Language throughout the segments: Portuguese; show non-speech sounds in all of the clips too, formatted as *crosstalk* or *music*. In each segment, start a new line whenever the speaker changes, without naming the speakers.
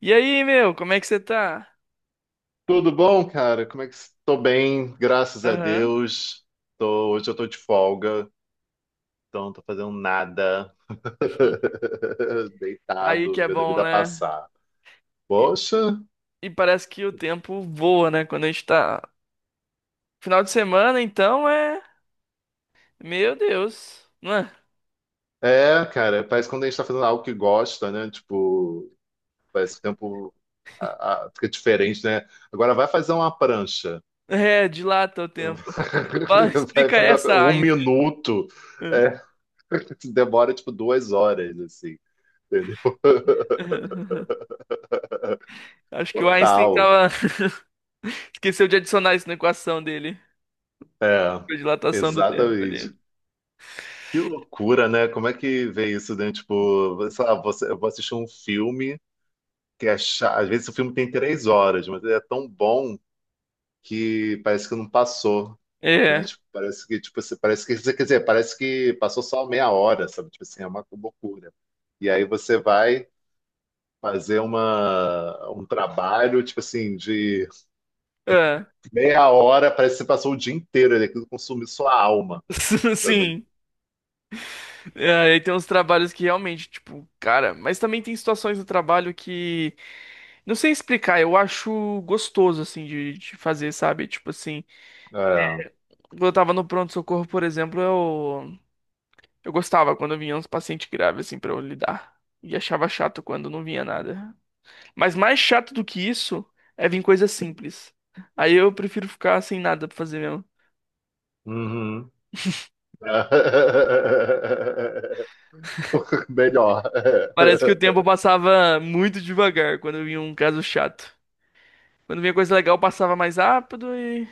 E aí, meu, como é que você tá?
Tudo bom, cara? Como é que estou bem, graças a
Aham.
Deus. Hoje eu tô de folga, então não tô fazendo nada.
*laughs*
*laughs*
Aí que
Deitado,
é
vendo a
bom,
vida
né?
passar.
E,
Poxa,
e parece que o tempo voa, né? Quando a gente tá. Final de semana, então é. Meu Deus. Não é?
é, cara, parece que quando a gente tá fazendo algo que gosta, né? Tipo, parece que o tempo fica diferente, né? Agora vai fazer uma prancha.
É, dilata o tempo. Fala, *laughs*
*laughs* Vai
explica
fazer
essa,
um
Einstein.
minuto. É, *laughs* demora tipo 2 horas, assim, entendeu? *laughs*
*laughs* Acho que o Einstein
Total.
tava. *laughs* Esqueceu de adicionar isso na equação dele.
É,
A dilatação do tempo
exatamente.
ali.
Que loucura, né? Como é que vê isso dentro? Tipo, sei lá, você, eu vou assistir um filme que é chato. Às vezes o filme tem 3 horas, mas ele é tão bom que parece que não passou, né?
É.
Tipo, parece que, tipo, parece que, quer dizer, parece que passou só meia hora, sabe? Tipo assim, é uma loucura. E aí você vai fazer um trabalho, tipo assim, de
É.
meia hora, parece que você passou o dia inteiro, e aquilo consumiu sua alma,
*laughs*
sabe?
Sim. É, aí tem uns trabalhos que realmente, tipo, cara, mas também tem situações no trabalho que não sei explicar, eu acho gostoso, assim, de fazer, sabe? Tipo assim,
É.
quando eu tava no pronto-socorro, por exemplo, eu gostava quando vinha uns pacientes graves, assim, pra eu lidar. E achava chato quando não vinha nada. Mas mais chato do que isso é vir coisa simples. Aí eu prefiro ficar sem nada pra fazer mesmo.
Uhum. *laughs* Melhor.
Parece que o tempo passava muito devagar quando vinha um caso chato. Quando vinha coisa legal, passava mais rápido e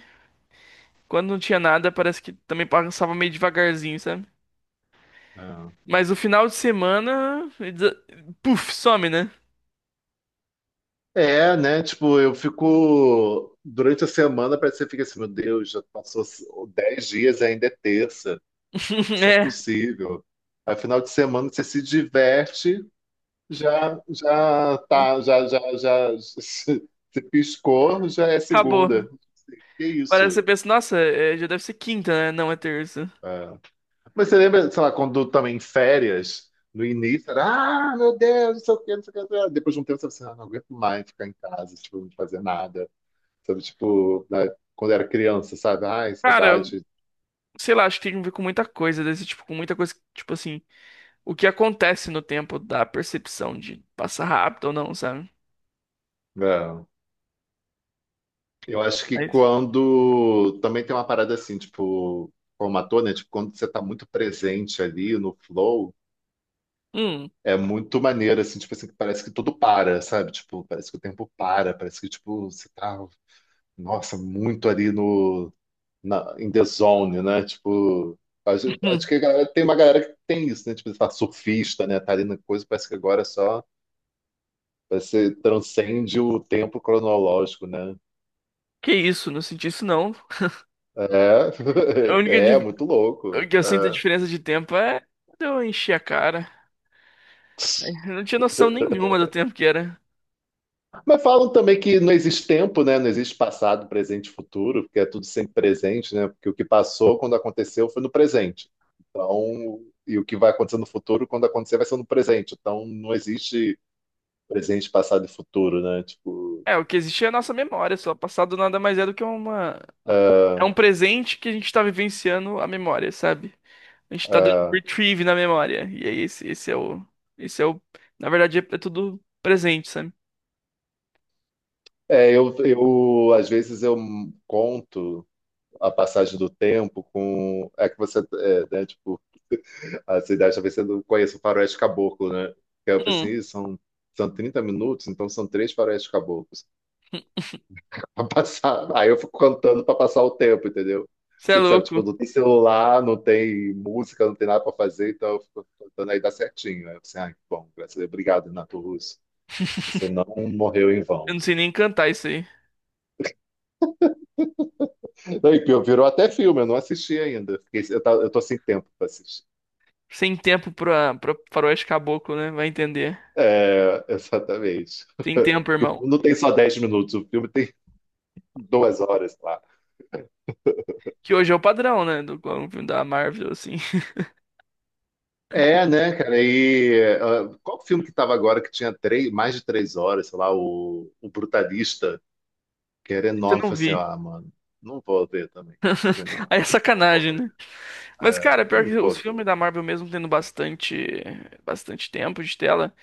quando não tinha nada, parece que também passava meio devagarzinho, sabe? Mas o final de semana, puf, some, né?
É, né? Tipo, eu fico. Durante a semana, parece que você fica assim, meu Deus, já passou 10 dias e ainda é terça.
*laughs*
Isso é
É,
possível. Aí, final de semana, você se diverte, já, já tá, já, já, já, *laughs* se piscou, já é
acabou.
segunda. Que
Parece que
isso?
você pensa, nossa, é, já deve ser quinta, né? Não, é terça.
É. Mas você lembra, sei lá, quando também em férias, no início, era, ah, meu Deus, não sei o quê, não sei o quê, não sei o quê. Depois de um tempo, você fala assim, ah, não aguento mais ficar em casa, tipo, não fazer nada. Sabe, tipo, né, quando era criança, sabe? Ai,
Cara,
saudade.
sei lá, acho que tem a ver com muita coisa desse tipo, com muita coisa, que, tipo assim, o que acontece no tempo da percepção de passar rápido ou não, sabe?
É. Eu acho que
É isso.
quando também tem uma parada assim, tipo, como ator, né? Tipo, quando você tá muito presente ali no flow,
Hum,
é muito maneiro, assim, tipo assim, que parece que tudo para, sabe? Tipo, parece que o tempo para, parece que, tipo, você tá, nossa, muito ali no na, in the zone, né? Tipo, acho, que
*laughs*
tem uma galera que tem isso, né? Tipo, tá surfista, né? Tá ali na coisa, parece que agora é só, parece que transcende o tempo cronológico, né?
que isso, não senti isso não.
É,
A
*laughs*
única
é
di-
muito louco.
que eu sinto a
É.
diferença de tempo é quando eu enchi a cara. Eu não tinha noção nenhuma do tempo que era.
Mas falam também que não existe tempo, né? Não existe passado, presente e futuro, porque é tudo sempre presente, né? Porque o que passou quando aconteceu foi no presente. Então, e o que vai acontecer no futuro, quando acontecer, vai ser no presente. Então, não existe presente, passado e futuro, né? Tipo,
É, o que existe é a nossa memória, só. O passado nada mais é do que uma. É
ah.
um presente que a gente tá vivenciando a memória, sabe? A gente tá dando
Ah.
retrieve na memória. E aí, esse é o. Esse é o. Na verdade, é, é tudo presente, sabe?
É, eu às vezes eu conto a passagem do tempo com é que você é, né, tipo, a sua idade talvez você não conheça o faroeste caboclo, né? Que eu falei assim,
Hum,
"Ih, são 30 minutos, então são três faroeste caboclos *laughs* para passar." Aí eu fico contando para passar o tempo, entendeu?
você é
Você sabe, tipo,
louco.
não tem celular, não tem música, não tem nada para fazer, então eu fico contando aí dá certinho. Aí eu falei assim, ah, que bom, graças a Deus, obrigado, Renato Russo. Você não morreu em
Eu
vão.
não sei nem cantar isso aí.
Daí que pior, virou até filme, eu não assisti ainda. Eu tô sem tempo para assistir.
Sem tempo pra, pra faroeste caboclo, né? Vai entender.
É, *laughs* exatamente.
Tem tempo,
Porque o
irmão.
filme não tem só 10 minutos, o filme tem 2 horas, lá.
Que hoje é o padrão, né? Do filme da Marvel, assim. *laughs*
É, né, cara? E ah, qual filme que tava agora que tinha três, mais de 3 horas, sei lá, o Brutalista, que era
Isso eu
enorme. Eu
não
falei assim,
vi.
ah, mano, não vou ver também. Eu falei, não,
Aí é
eu não vou
sacanagem,
ver.
né? Mas,
É,
cara,
eu
pior
não
que
vou
os
ver.
filmes da Marvel, mesmo tendo bastante, bastante tempo de tela,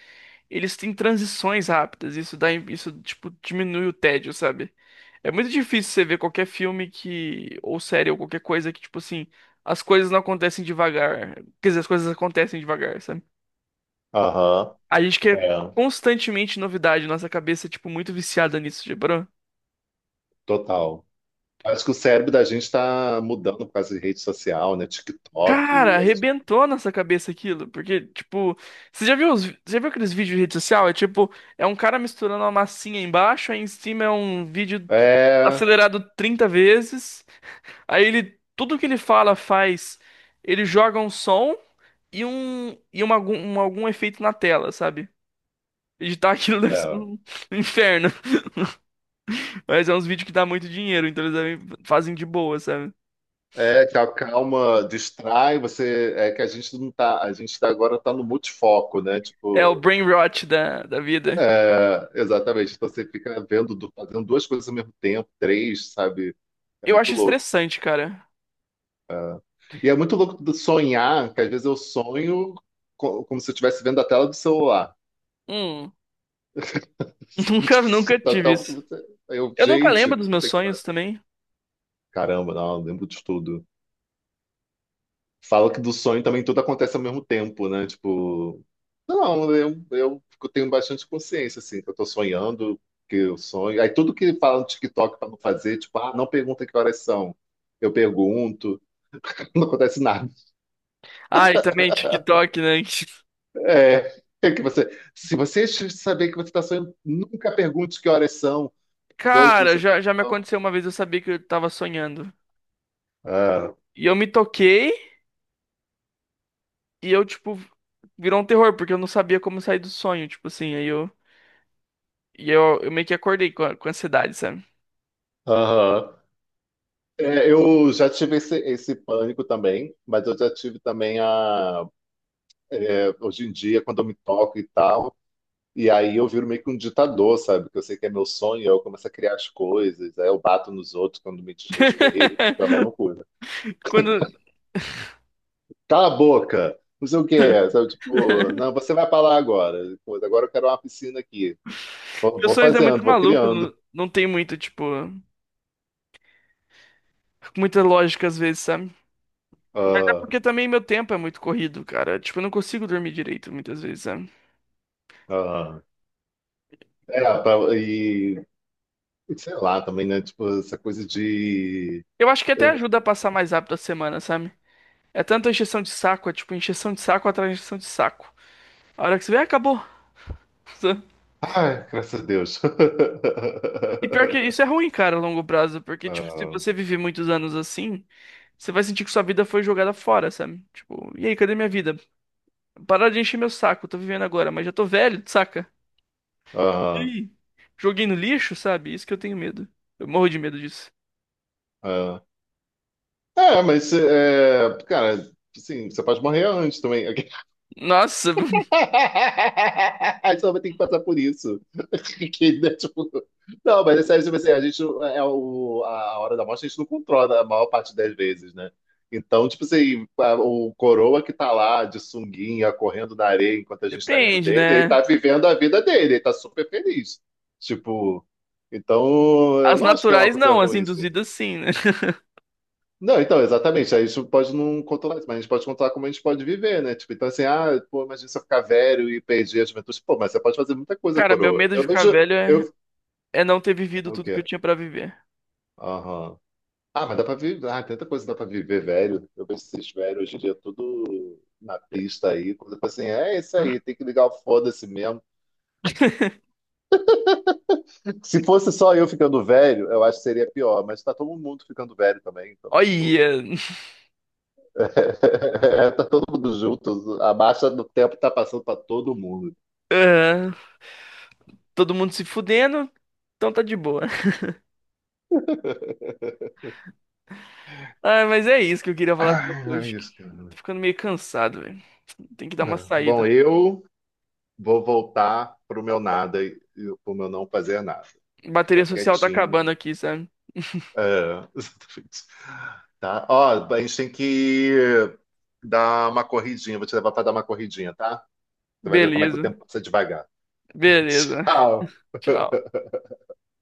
eles têm transições rápidas. Isso, tipo, diminui o tédio, sabe? É muito difícil você ver qualquer filme que, ou série, ou qualquer coisa que, tipo assim, as coisas não acontecem devagar. Quer dizer, as coisas acontecem devagar, sabe?
Aham,
A gente quer
é,
constantemente novidade, nossa cabeça é, tipo, muito viciada nisso, tipo.
total. Acho que o cérebro da gente está mudando por causa de rede social, né?
Cara,
TikTok.
arrebentou nossa cabeça aquilo, porque, tipo, você já viu aqueles vídeos de rede social? É tipo, é um cara misturando uma massinha embaixo, aí em cima é um vídeo
É,
acelerado 30 vezes, aí ele, tudo que ele fala faz, ele joga um som e algum efeito na tela, sabe? Editar aquilo *laughs* deve ser
é,
um inferno, mas é uns vídeos que dá muito dinheiro, então eles devem- fazem de boa, sabe?
é, que a calma, distrai, você. É que a gente não tá. Agora está no multifoco, né?
É o
Tipo,
brain rot da, da vida.
é, exatamente. Então você fica vendo, fazendo duas coisas ao mesmo tempo, três, sabe? É
Eu
muito
acho
louco.
estressante, cara.
E é muito louco de sonhar, que às vezes eu sonho como se eu estivesse vendo a tela do celular.
Hum. *laughs*
*laughs*
Nunca,
Tipo, você
nunca
tá-
tive
tá- tipo,
isso.
você- aí eu,
Eu nunca
gente,
lembro dos meus
puta que pariu.
sonhos também.
Caramba, não, eu lembro de tudo. Fala que do sonho também tudo acontece ao mesmo tempo, né? Tipo, não, eu tenho bastante consciência, assim, que eu tô sonhando, que eu sonho. Aí tudo que fala no TikTok pra não fazer, tipo, ah, não pergunta que horas são. Eu pergunto, *laughs* não acontece nada.
Ah, e também TikTok, né? *laughs*
É, que você, se você saber que você está sonhando, nunca pergunte que horas são. Os outros,
Cara,
não,
já, já me
não.
aconteceu uma vez, eu sabia que eu tava sonhando.
Ah,
E eu me toquei e eu, tipo, virou um terror, porque eu não sabia como sair do sonho, tipo assim, aí eu. E eu, eu meio que acordei com, a- com ansiedade, sabe?
aham. É, eu já tive esse pânico também, mas eu já tive também hoje em dia, quando eu me toco e tal. E aí eu viro meio que um ditador, sabe? Que eu sei que é meu sonho, aí eu começo a criar as coisas, aí eu bato nos outros quando me desrespeitam, tipo, é uma
*laughs*
loucura.
Quando.
Cala a boca! Não sei o quê, sabe? Tipo, não,
*laughs*
você vai pra lá agora. Pô, agora eu quero uma piscina aqui. Vou,
Meus
vou
sonhos é muito
fazendo, vou
maluco,
criando.
não, não tem muito, tipo, muita lógica às vezes, sabe? Mas é
Ah.
porque também meu tempo é muito corrido, cara. Tipo, eu não consigo dormir direito muitas vezes, sabe?
Ah. É, e sei lá também, né? Tipo, essa coisa de.
Eu acho que até
eu-
ajuda a passar mais rápido a semana, sabe? É tanta encheção de saco, é tipo encheção de saco atrás de encheção de saco. A hora que você vê, acabou. *laughs* sabe?
Ai, graças a Deus. *laughs*
E pior que isso é ruim, cara, a longo prazo, porque, tipo, se
Ah.
você viver muitos anos assim, você vai sentir que sua vida foi jogada fora, sabe? Tipo, e aí, cadê minha vida? Parar de encher meu saco, tô vivendo agora, mas já tô velho, saca?
Ah.
Ih, joguei no lixo, sabe? Isso que eu tenho medo. Eu morro de medo disso.
Ah. É, mas, é, cara, assim, você pode morrer antes também.
Nossa,
*laughs*
*laughs*
A gente só vai ter que passar por isso. *laughs* Que, né, tipo, não, mas é sério, tipo assim, a gente a hora da morte a gente não controla a maior parte das vezes, né? Então, tipo assim, o coroa que tá lá de sunguinha, correndo na areia enquanto a gente tá rindo
depende,
dele, ele
né?
tá vivendo a vida dele, ele tá super feliz. Tipo, então eu
As
não acho que é uma
naturais
coisa
não, as
ruim, assim.
induzidas sim, né? *laughs*
Não, então, exatamente. A gente pode não controlar isso, mas a gente pode controlar como a gente pode viver, né? Tipo, então assim, ah, pô, imagina se eu ficar velho e perder a juventude. Pô, mas você pode fazer muita coisa,
Cara, meu
coroa.
medo de
Eu
ficar
vejo.
velho é.
Eu...
É não ter
É
vivido
o
tudo que eu
quê?
tinha pra viver.
Aham. Ah, mas dá pra viver. Ah, tanta coisa dá pra viver, velho. Eu vejo esses velhos hoje em dia tudo na pista aí. Coisa assim, é isso aí,
*laughs*
tem que ligar o foda-se mesmo. Se fosse só eu ficando velho, eu acho que seria pior, mas tá todo mundo ficando velho também, então, tipo.
Olha,
*laughs* Tá todo mundo junto. A marcha do tempo tá passando pra todo mundo.
aham, todo mundo se fudendo, então tá de boa. Ah, mas é isso que eu queria falar com
Ai,
você
não é
hoje.
isso, cara.
Tô ficando meio cansado, velho. Tem que dar uma
É. Bom,
saída.
eu vou voltar pro meu nada e pro meu não fazer nada.
Bateria
Ficar
social tá
quietinho.
acabando aqui, sabe?
É, *laughs* exatamente. Tá? Ó, a gente tem que dar uma corridinha. Vou te levar para dar uma corridinha, tá? Você vai ver como é que o
Beleza,
tempo passa devagar. *laughs*
beleza.
Tchau.
Tchau.